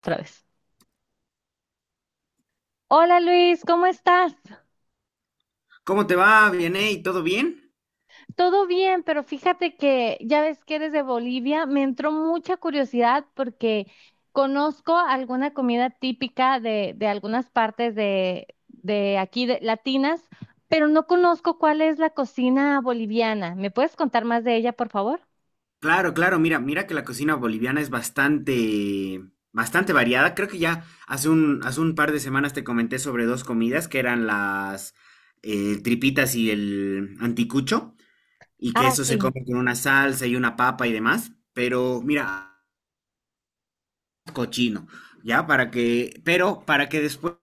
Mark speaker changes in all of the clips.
Speaker 1: Otra vez. Hola Luis, ¿cómo estás?
Speaker 2: ¿Cómo te va, Vianey? ¿Todo bien?
Speaker 1: Todo bien, pero fíjate que ya ves que eres de Bolivia, me entró mucha curiosidad porque conozco alguna comida típica de algunas partes de aquí de, latinas, pero no conozco cuál es la cocina boliviana. ¿Me puedes contar más de ella, por favor?
Speaker 2: Claro, claro, mira, mira que la cocina boliviana es bastante, bastante variada. Creo que ya hace un par de semanas te comenté sobre dos comidas que eran las tripitas y el anticucho, y que
Speaker 1: Ah,
Speaker 2: eso se
Speaker 1: sí,
Speaker 2: come con una salsa y una papa y demás. Pero mira, cochino, ya para que, pero para que después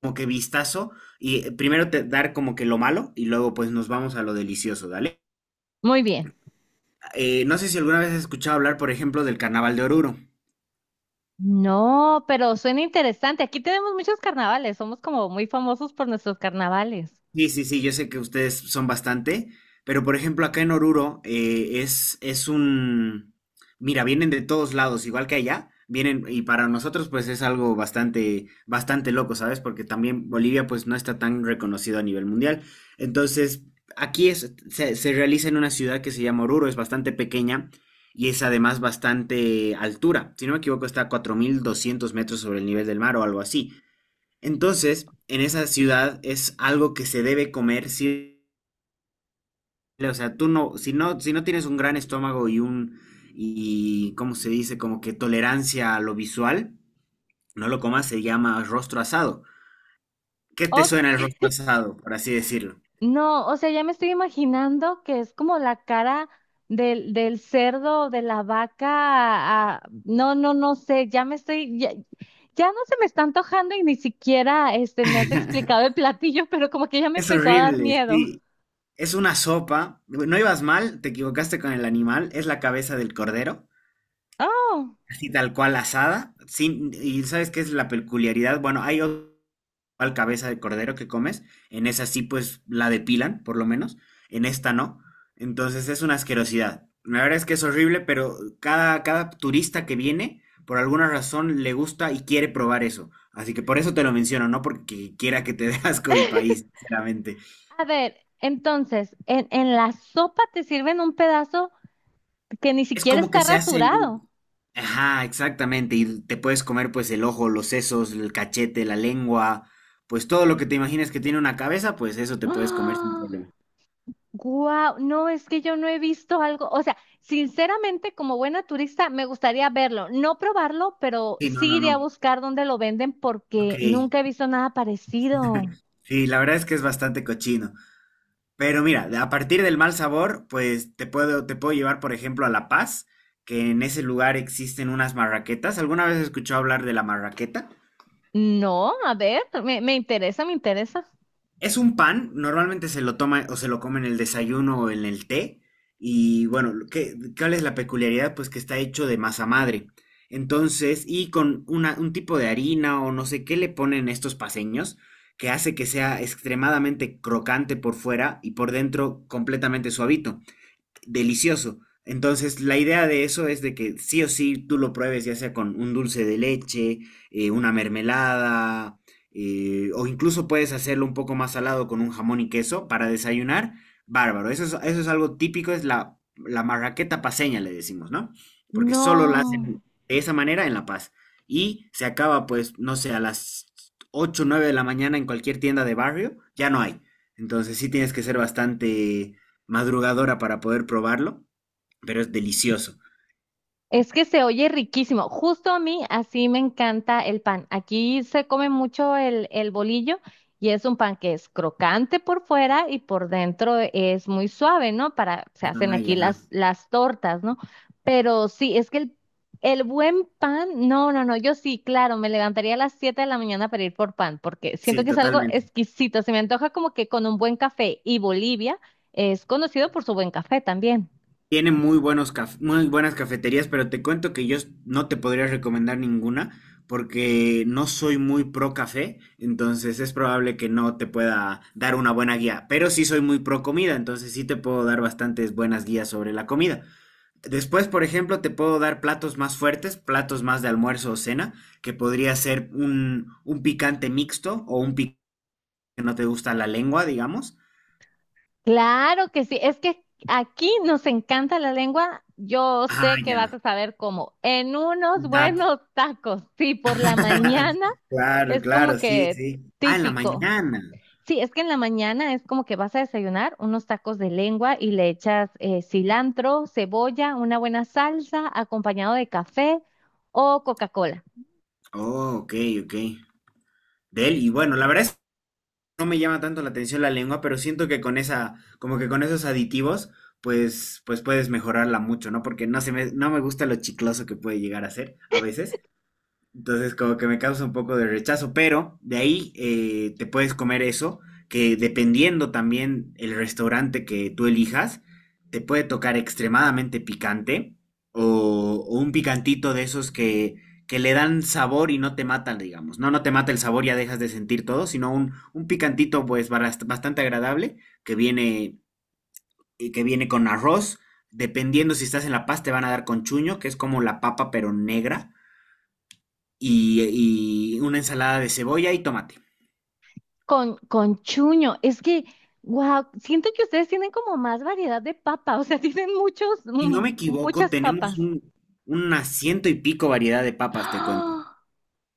Speaker 2: como que vistazo y primero te dar como que lo malo y luego pues nos vamos a lo delicioso, ¿dale?
Speaker 1: muy bien.
Speaker 2: No sé si alguna vez has escuchado hablar, por ejemplo, del Carnaval de Oruro.
Speaker 1: No, pero suena interesante. Aquí tenemos muchos carnavales, somos como muy famosos por nuestros carnavales.
Speaker 2: Sí, sí, sí, yo sé que ustedes son bastante, pero por ejemplo acá en Oruro es un... Mira, vienen de todos lados, igual que allá, vienen y para nosotros pues es algo bastante, bastante loco, ¿sabes? Porque también Bolivia pues no está tan reconocido a nivel mundial. Entonces, aquí es, se realiza en una ciudad que se llama Oruro, es bastante pequeña y es además bastante altura. Si no me equivoco, está a 4.200 metros sobre el nivel del mar o algo así. Entonces, en esa ciudad es algo que se debe comer, sí, o sea, tú no, si no tienes un gran estómago y un, y, ¿cómo se dice? Como que tolerancia a lo visual, no lo comas, se llama rostro asado. ¿Qué te suena el
Speaker 1: Ok.
Speaker 2: rostro asado, por así decirlo?
Speaker 1: No, o sea, ya me estoy imaginando que es como la cara del cerdo, de la vaca. Ah, no, no, no sé, ya no se me está antojando y ni siquiera me has explicado el platillo, pero como que ya me
Speaker 2: Es
Speaker 1: empezó a dar
Speaker 2: horrible,
Speaker 1: miedo.
Speaker 2: sí. Es una sopa. No ibas mal, te equivocaste con el animal, es la cabeza del cordero.
Speaker 1: Oh.
Speaker 2: Así tal cual asada. Sin, y ¿sabes qué es la peculiaridad? Bueno, hay otra igual cabeza de cordero que comes. En esa sí, pues la depilan, por lo menos. En esta no. Entonces es una asquerosidad. La verdad es que es horrible, pero cada turista que viene, por alguna razón, le gusta y quiere probar eso. Así que por eso te lo menciono, no porque quiera que te dé asco mi país, sinceramente.
Speaker 1: A ver, entonces, en la sopa te sirven un pedazo que ni
Speaker 2: Es
Speaker 1: siquiera
Speaker 2: como que
Speaker 1: está
Speaker 2: se hacen.
Speaker 1: rasurado.
Speaker 2: Ajá, exactamente. Y te puedes comer pues el ojo, los sesos, el cachete, la lengua, pues todo lo que te imagines que tiene una cabeza, pues eso te puedes comer sin
Speaker 1: ¡Ah!
Speaker 2: problema.
Speaker 1: Guau, no, es que yo no he visto algo, o sea, sinceramente, como buena turista, me gustaría verlo, no probarlo, pero
Speaker 2: Sí, no,
Speaker 1: sí
Speaker 2: no,
Speaker 1: iré a
Speaker 2: no.
Speaker 1: buscar dónde lo venden
Speaker 2: Ok.
Speaker 1: porque nunca he visto nada parecido.
Speaker 2: Sí, la verdad es que es bastante cochino. Pero mira, a partir del mal sabor, pues te puedo llevar, por ejemplo, a La Paz, que en ese lugar existen unas marraquetas. ¿Alguna vez has escuchado hablar de la marraqueta?
Speaker 1: No, a ver, me interesa, me interesa.
Speaker 2: Es un pan, normalmente se lo toma o se lo come en el desayuno o en el té. Y bueno, ¿cuál es la peculiaridad? Pues que está hecho de masa madre. Entonces, y con un tipo de harina o no sé qué le ponen estos paseños, que hace que sea extremadamente crocante por fuera y por dentro completamente suavito delicioso. Entonces, la idea de eso es de que sí o sí tú lo pruebes, ya sea con un dulce de leche, una mermelada, o incluso puedes hacerlo un poco más salado con un jamón y queso para desayunar. Bárbaro. Eso es algo típico, es la, marraqueta paseña, le decimos, ¿no? Porque solo la hacen
Speaker 1: No.
Speaker 2: de esa manera en La Paz. Y se acaba, pues, no sé, a las 8 o 9 de la mañana en cualquier tienda de barrio, ya no hay. Entonces, sí tienes que ser bastante madrugadora para poder probarlo, pero es delicioso.
Speaker 1: Es que se oye riquísimo. Justo a mí así me encanta el pan. Aquí se come mucho el bolillo y es un pan que es crocante por fuera y por dentro es muy suave, ¿no? Para, se hacen
Speaker 2: Ah,
Speaker 1: aquí
Speaker 2: ya.
Speaker 1: las tortas, ¿no? Pero sí, es que el buen pan, no, no, no, yo sí, claro, me levantaría a las 7 de la mañana para ir por pan porque siento
Speaker 2: Sí,
Speaker 1: que es algo
Speaker 2: totalmente.
Speaker 1: exquisito. Se me antoja como que con un buen café y Bolivia es conocido por su buen café también.
Speaker 2: Tiene muy buenos muy buenas cafeterías, pero te cuento que no te podría recomendar ninguna porque no soy muy pro café, entonces es probable que no te pueda dar una buena guía, pero sí soy muy pro comida, entonces sí te puedo dar bastantes buenas guías sobre la comida. Después, por ejemplo, te puedo dar platos más fuertes, platos más de almuerzo o cena, que podría ser un picante mixto o un picante que no te gusta la lengua, digamos.
Speaker 1: Claro que sí, es que aquí nos encanta la lengua. Yo
Speaker 2: Ah,
Speaker 1: sé que vas
Speaker 2: ya.
Speaker 1: a saber cómo. En unos
Speaker 2: Un taco.
Speaker 1: buenos tacos, sí, por la mañana
Speaker 2: Claro,
Speaker 1: es como
Speaker 2: claro, sí,
Speaker 1: que
Speaker 2: sí. Ah, en la
Speaker 1: típico.
Speaker 2: mañana.
Speaker 1: Sí, es que en la mañana es como que vas a desayunar unos tacos de lengua y le echas cilantro, cebolla, una buena salsa, acompañado de café o Coca-Cola.
Speaker 2: Oh, ok, ok. Del, y bueno, la verdad es que no me llama tanto la atención la lengua, pero siento que con esa, como que con esos aditivos, pues, pues puedes mejorarla mucho, ¿no? Porque no se me, no me gusta lo chicloso que puede llegar a ser a veces. Entonces, como que me causa un poco de rechazo, pero de ahí te puedes comer eso, que dependiendo también el restaurante que tú elijas, te puede tocar extremadamente picante o, un picantito de esos que, le dan sabor y no te matan, digamos. No, no te mata el sabor, ya dejas de sentir todo, sino un picantito pues bastante agradable que viene, y que viene con arroz. Dependiendo si estás en La Paz, te van a dar con chuño, que es como la papa pero negra y una ensalada de cebolla y tomate.
Speaker 1: Con chuño, es que, wow, siento que ustedes tienen como más variedad de papa, o sea, tienen muchos,
Speaker 2: Si no me equivoco,
Speaker 1: muchas
Speaker 2: tenemos
Speaker 1: papas.
Speaker 2: un, una ciento y pico variedad de papas, te cuento.
Speaker 1: ¡Ah!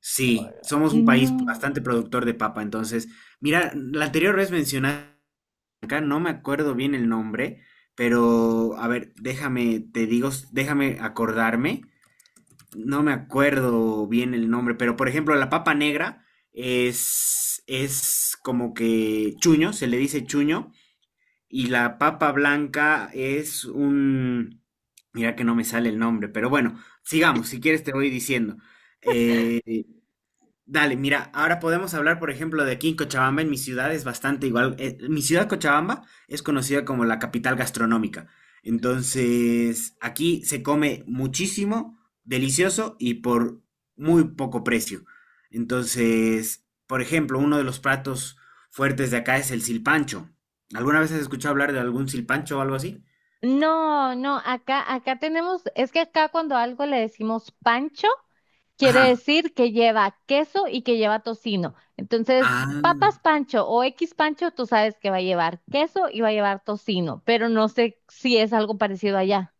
Speaker 2: Sí, somos un país
Speaker 1: No,
Speaker 2: bastante productor de papa, entonces, mira, la anterior vez mencionaste, acá no me acuerdo bien el nombre, pero a ver, déjame, te digo, déjame acordarme, no me acuerdo bien el nombre, pero por ejemplo, la papa negra es como que chuño, se le dice chuño, y la papa blanca es un... Mira que no me sale el nombre, pero bueno, sigamos, si quieres te voy diciendo. Eh, Dale, mira, ahora podemos hablar, por ejemplo, de aquí en Cochabamba, en mi ciudad es bastante igual. Mi ciudad, Cochabamba, es conocida como la capital gastronómica. Entonces, aquí se come muchísimo, delicioso y por muy poco precio. Entonces, por ejemplo, uno de los platos fuertes de acá es el silpancho. ¿Alguna vez has escuchado hablar de algún silpancho o algo así?
Speaker 1: no, no, acá tenemos, es que acá cuando algo le decimos pancho, quiere
Speaker 2: Ajá.
Speaker 1: decir que lleva queso y que lleva tocino. Entonces, papas
Speaker 2: Ah.
Speaker 1: pancho o X pancho, tú sabes que va a llevar queso y va a llevar tocino, pero no sé si es algo parecido allá.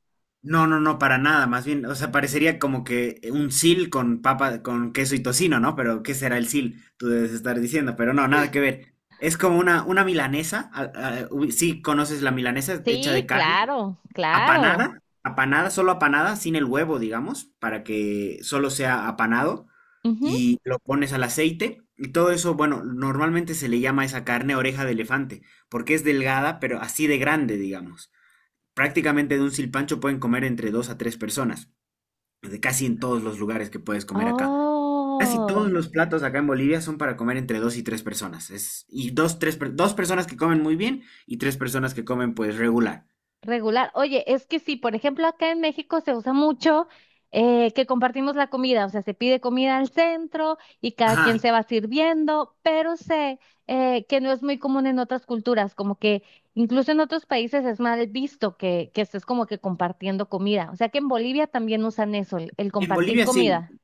Speaker 2: No, no, no, para nada, más bien, o sea, parecería como que un sil con papa, con queso y tocino, ¿no? Pero, ¿qué será el sil? Tú debes estar diciendo, pero no, nada que ver. Es como una milanesa, uy, sí, conoces la milanesa hecha
Speaker 1: Sí,
Speaker 2: de carne,
Speaker 1: claro, claro.
Speaker 2: apanada, apanada, solo apanada, sin el huevo, digamos, para que solo sea apanado, y lo pones al aceite, y todo eso, bueno, normalmente se le llama a esa carne oreja de elefante, porque es delgada, pero así de grande, digamos. Prácticamente de un silpancho pueden comer entre dos a tres personas, de casi en todos los lugares que puedes comer acá. Casi todos
Speaker 1: Oh,
Speaker 2: los platos acá en Bolivia son para comer entre dos y tres personas. Es, y dos, tres, dos personas que comen muy bien y tres personas que comen pues regular.
Speaker 1: regular. Oye, es que sí, por ejemplo, acá en México se usa mucho que compartimos la comida, o sea, se pide comida al centro y cada quien
Speaker 2: Ajá.
Speaker 1: se va sirviendo, pero sé que no es muy común en otras culturas, como que incluso en otros países es mal visto que estés como que compartiendo comida. O sea, que en Bolivia también usan eso, el
Speaker 2: En
Speaker 1: compartir
Speaker 2: Bolivia sí,
Speaker 1: comida.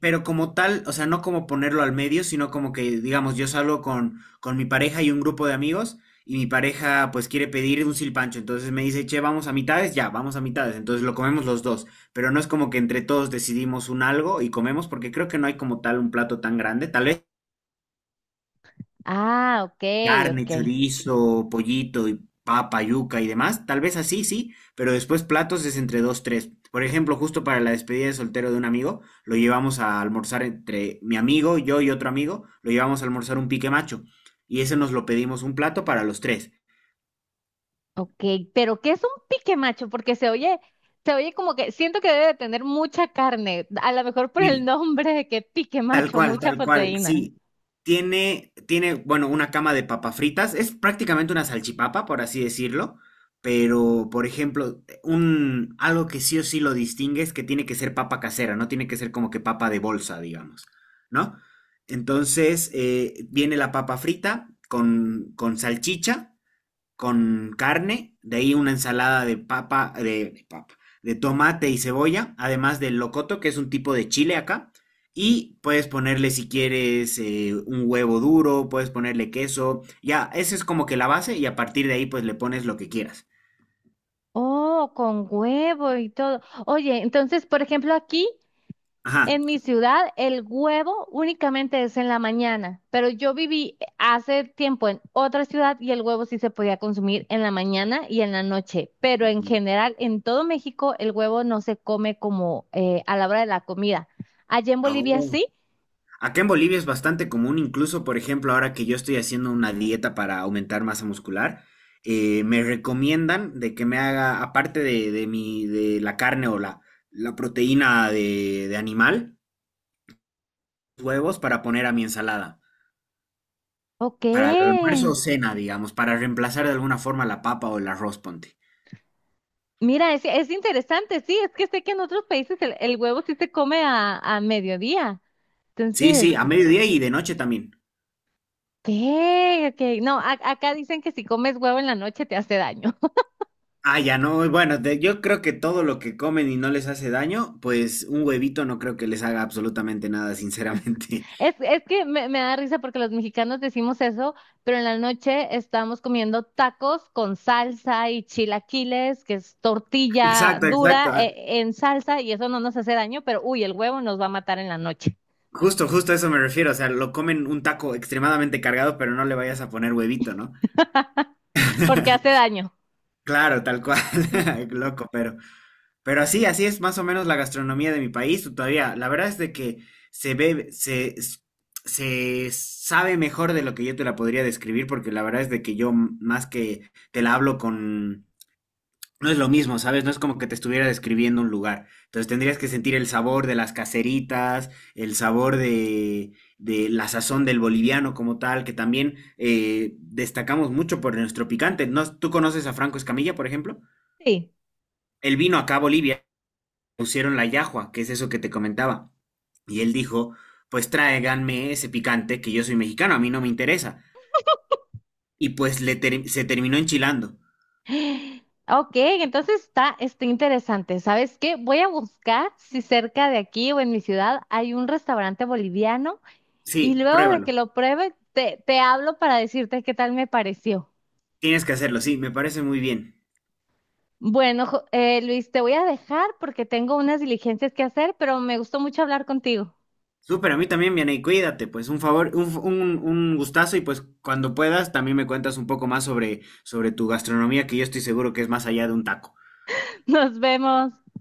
Speaker 2: pero como tal, o sea, no como ponerlo al medio, sino como que, digamos, yo salgo con, mi pareja y un grupo de amigos, y mi pareja pues quiere pedir un silpancho, entonces me dice, che, vamos a mitades, ya, vamos a mitades, entonces lo comemos los dos, pero no es como que entre todos decidimos un algo y comemos, porque creo que no hay como tal un plato tan grande, tal vez
Speaker 1: Ah, ok,
Speaker 2: carne,
Speaker 1: ok.
Speaker 2: chorizo, pollito y papa, yuca y demás, tal vez así, sí, pero después platos es entre dos, tres. Por ejemplo, justo para la despedida de soltero de un amigo, lo llevamos a almorzar entre mi amigo, yo y otro amigo, lo llevamos a almorzar un pique macho. Y ese nos lo pedimos un plato para los tres.
Speaker 1: Ok, pero ¿qué es un pique macho? Porque se oye como que siento que debe de tener mucha carne, a lo mejor por el nombre de que pique macho, mucha
Speaker 2: Tal cual,
Speaker 1: proteína.
Speaker 2: sí. Tiene, tiene, bueno, una cama de papas fritas. Es prácticamente una salchipapa, por así decirlo. Pero, por ejemplo, un, algo que sí o sí lo distingue es que tiene que ser papa casera, no tiene que ser como que papa de bolsa, digamos, ¿no? Entonces, viene la papa frita con, salchicha con carne, de ahí una ensalada de papa, de papa, de tomate y cebolla, además del locoto, que es un tipo de chile acá. Y puedes ponerle si quieres un huevo duro, puedes ponerle queso. Ya, esa es como que la base y a partir de ahí pues le pones lo que quieras.
Speaker 1: Oh, con huevo y todo. Oye, entonces, por ejemplo, aquí
Speaker 2: Ajá.
Speaker 1: en mi ciudad, el huevo únicamente es en la mañana, pero yo viví hace tiempo en otra ciudad y el huevo sí se podía consumir en la mañana y en la noche, pero en general, en todo México, el huevo no se come como a la hora de la comida. Allá en Bolivia
Speaker 2: Oh.
Speaker 1: sí.
Speaker 2: Acá en Bolivia es bastante común, incluso por ejemplo, ahora que yo estoy haciendo una dieta para aumentar masa muscular, me recomiendan de que me haga, aparte de mi, de la carne o la proteína de animal, huevos para poner a mi ensalada,
Speaker 1: Ok.
Speaker 2: para el almuerzo o cena, digamos, para reemplazar de alguna forma la papa o el arroz, ponte.
Speaker 1: Mira, es interesante, sí, es que sé que en otros países el huevo sí se come a mediodía.
Speaker 2: Sí,
Speaker 1: Entonces,
Speaker 2: sí, a mediodía y de noche también.
Speaker 1: ¿qué? Ok, no, acá dicen que si comes huevo en la noche te hace daño.
Speaker 2: Ah, ya no, bueno, de- yo creo que todo lo que comen y no les hace daño, pues un huevito no creo que les haga absolutamente nada, sinceramente.
Speaker 1: Es que me da risa porque los mexicanos decimos eso, pero en la noche estamos comiendo tacos con salsa y chilaquiles, que es tortilla
Speaker 2: Exacto, exacto.
Speaker 1: dura
Speaker 2: Ah,
Speaker 1: en salsa y eso no nos hace daño, pero uy, el huevo nos va a matar en la noche
Speaker 2: justo, justo a eso me refiero. O sea, lo comen un taco extremadamente cargado, pero no le vayas a poner huevito, ¿no?
Speaker 1: porque hace daño.
Speaker 2: Claro, tal cual. Loco, pero así, así es más o menos la gastronomía de mi país. Todavía, la verdad es de que se ve, se sabe mejor de lo que yo te la podría describir, porque la verdad es de que más que te la hablo con. No es lo mismo, ¿sabes? No es como que te estuviera describiendo un lugar. Entonces tendrías que sentir el sabor de las caseritas, el sabor de, la sazón del boliviano como tal, que también destacamos mucho por nuestro picante. ¿No? ¿Tú conoces a Franco Escamilla, por ejemplo?
Speaker 1: Sí.
Speaker 2: Él vino acá a Bolivia, pusieron la yahua, que es eso que te comentaba. Y él dijo, pues tráiganme ese picante, que yo soy mexicano, a mí no me interesa. Y pues se terminó enchilando.
Speaker 1: Ok, entonces está interesante. ¿Sabes qué? Voy a buscar si cerca de aquí o en mi ciudad hay un restaurante boliviano y
Speaker 2: Sí,
Speaker 1: luego de que
Speaker 2: pruébalo.
Speaker 1: lo pruebe, te hablo para decirte qué tal me pareció.
Speaker 2: Tienes que hacerlo, sí, me parece muy bien.
Speaker 1: Bueno, Luis, te voy a dejar porque tengo unas diligencias que hacer, pero me gustó mucho hablar contigo.
Speaker 2: Súper, a mí también, viene y cuídate, pues un favor, un gustazo y pues cuando puedas también me cuentas un poco más sobre tu gastronomía, que yo estoy seguro que es más allá de un taco.
Speaker 1: Nos vemos.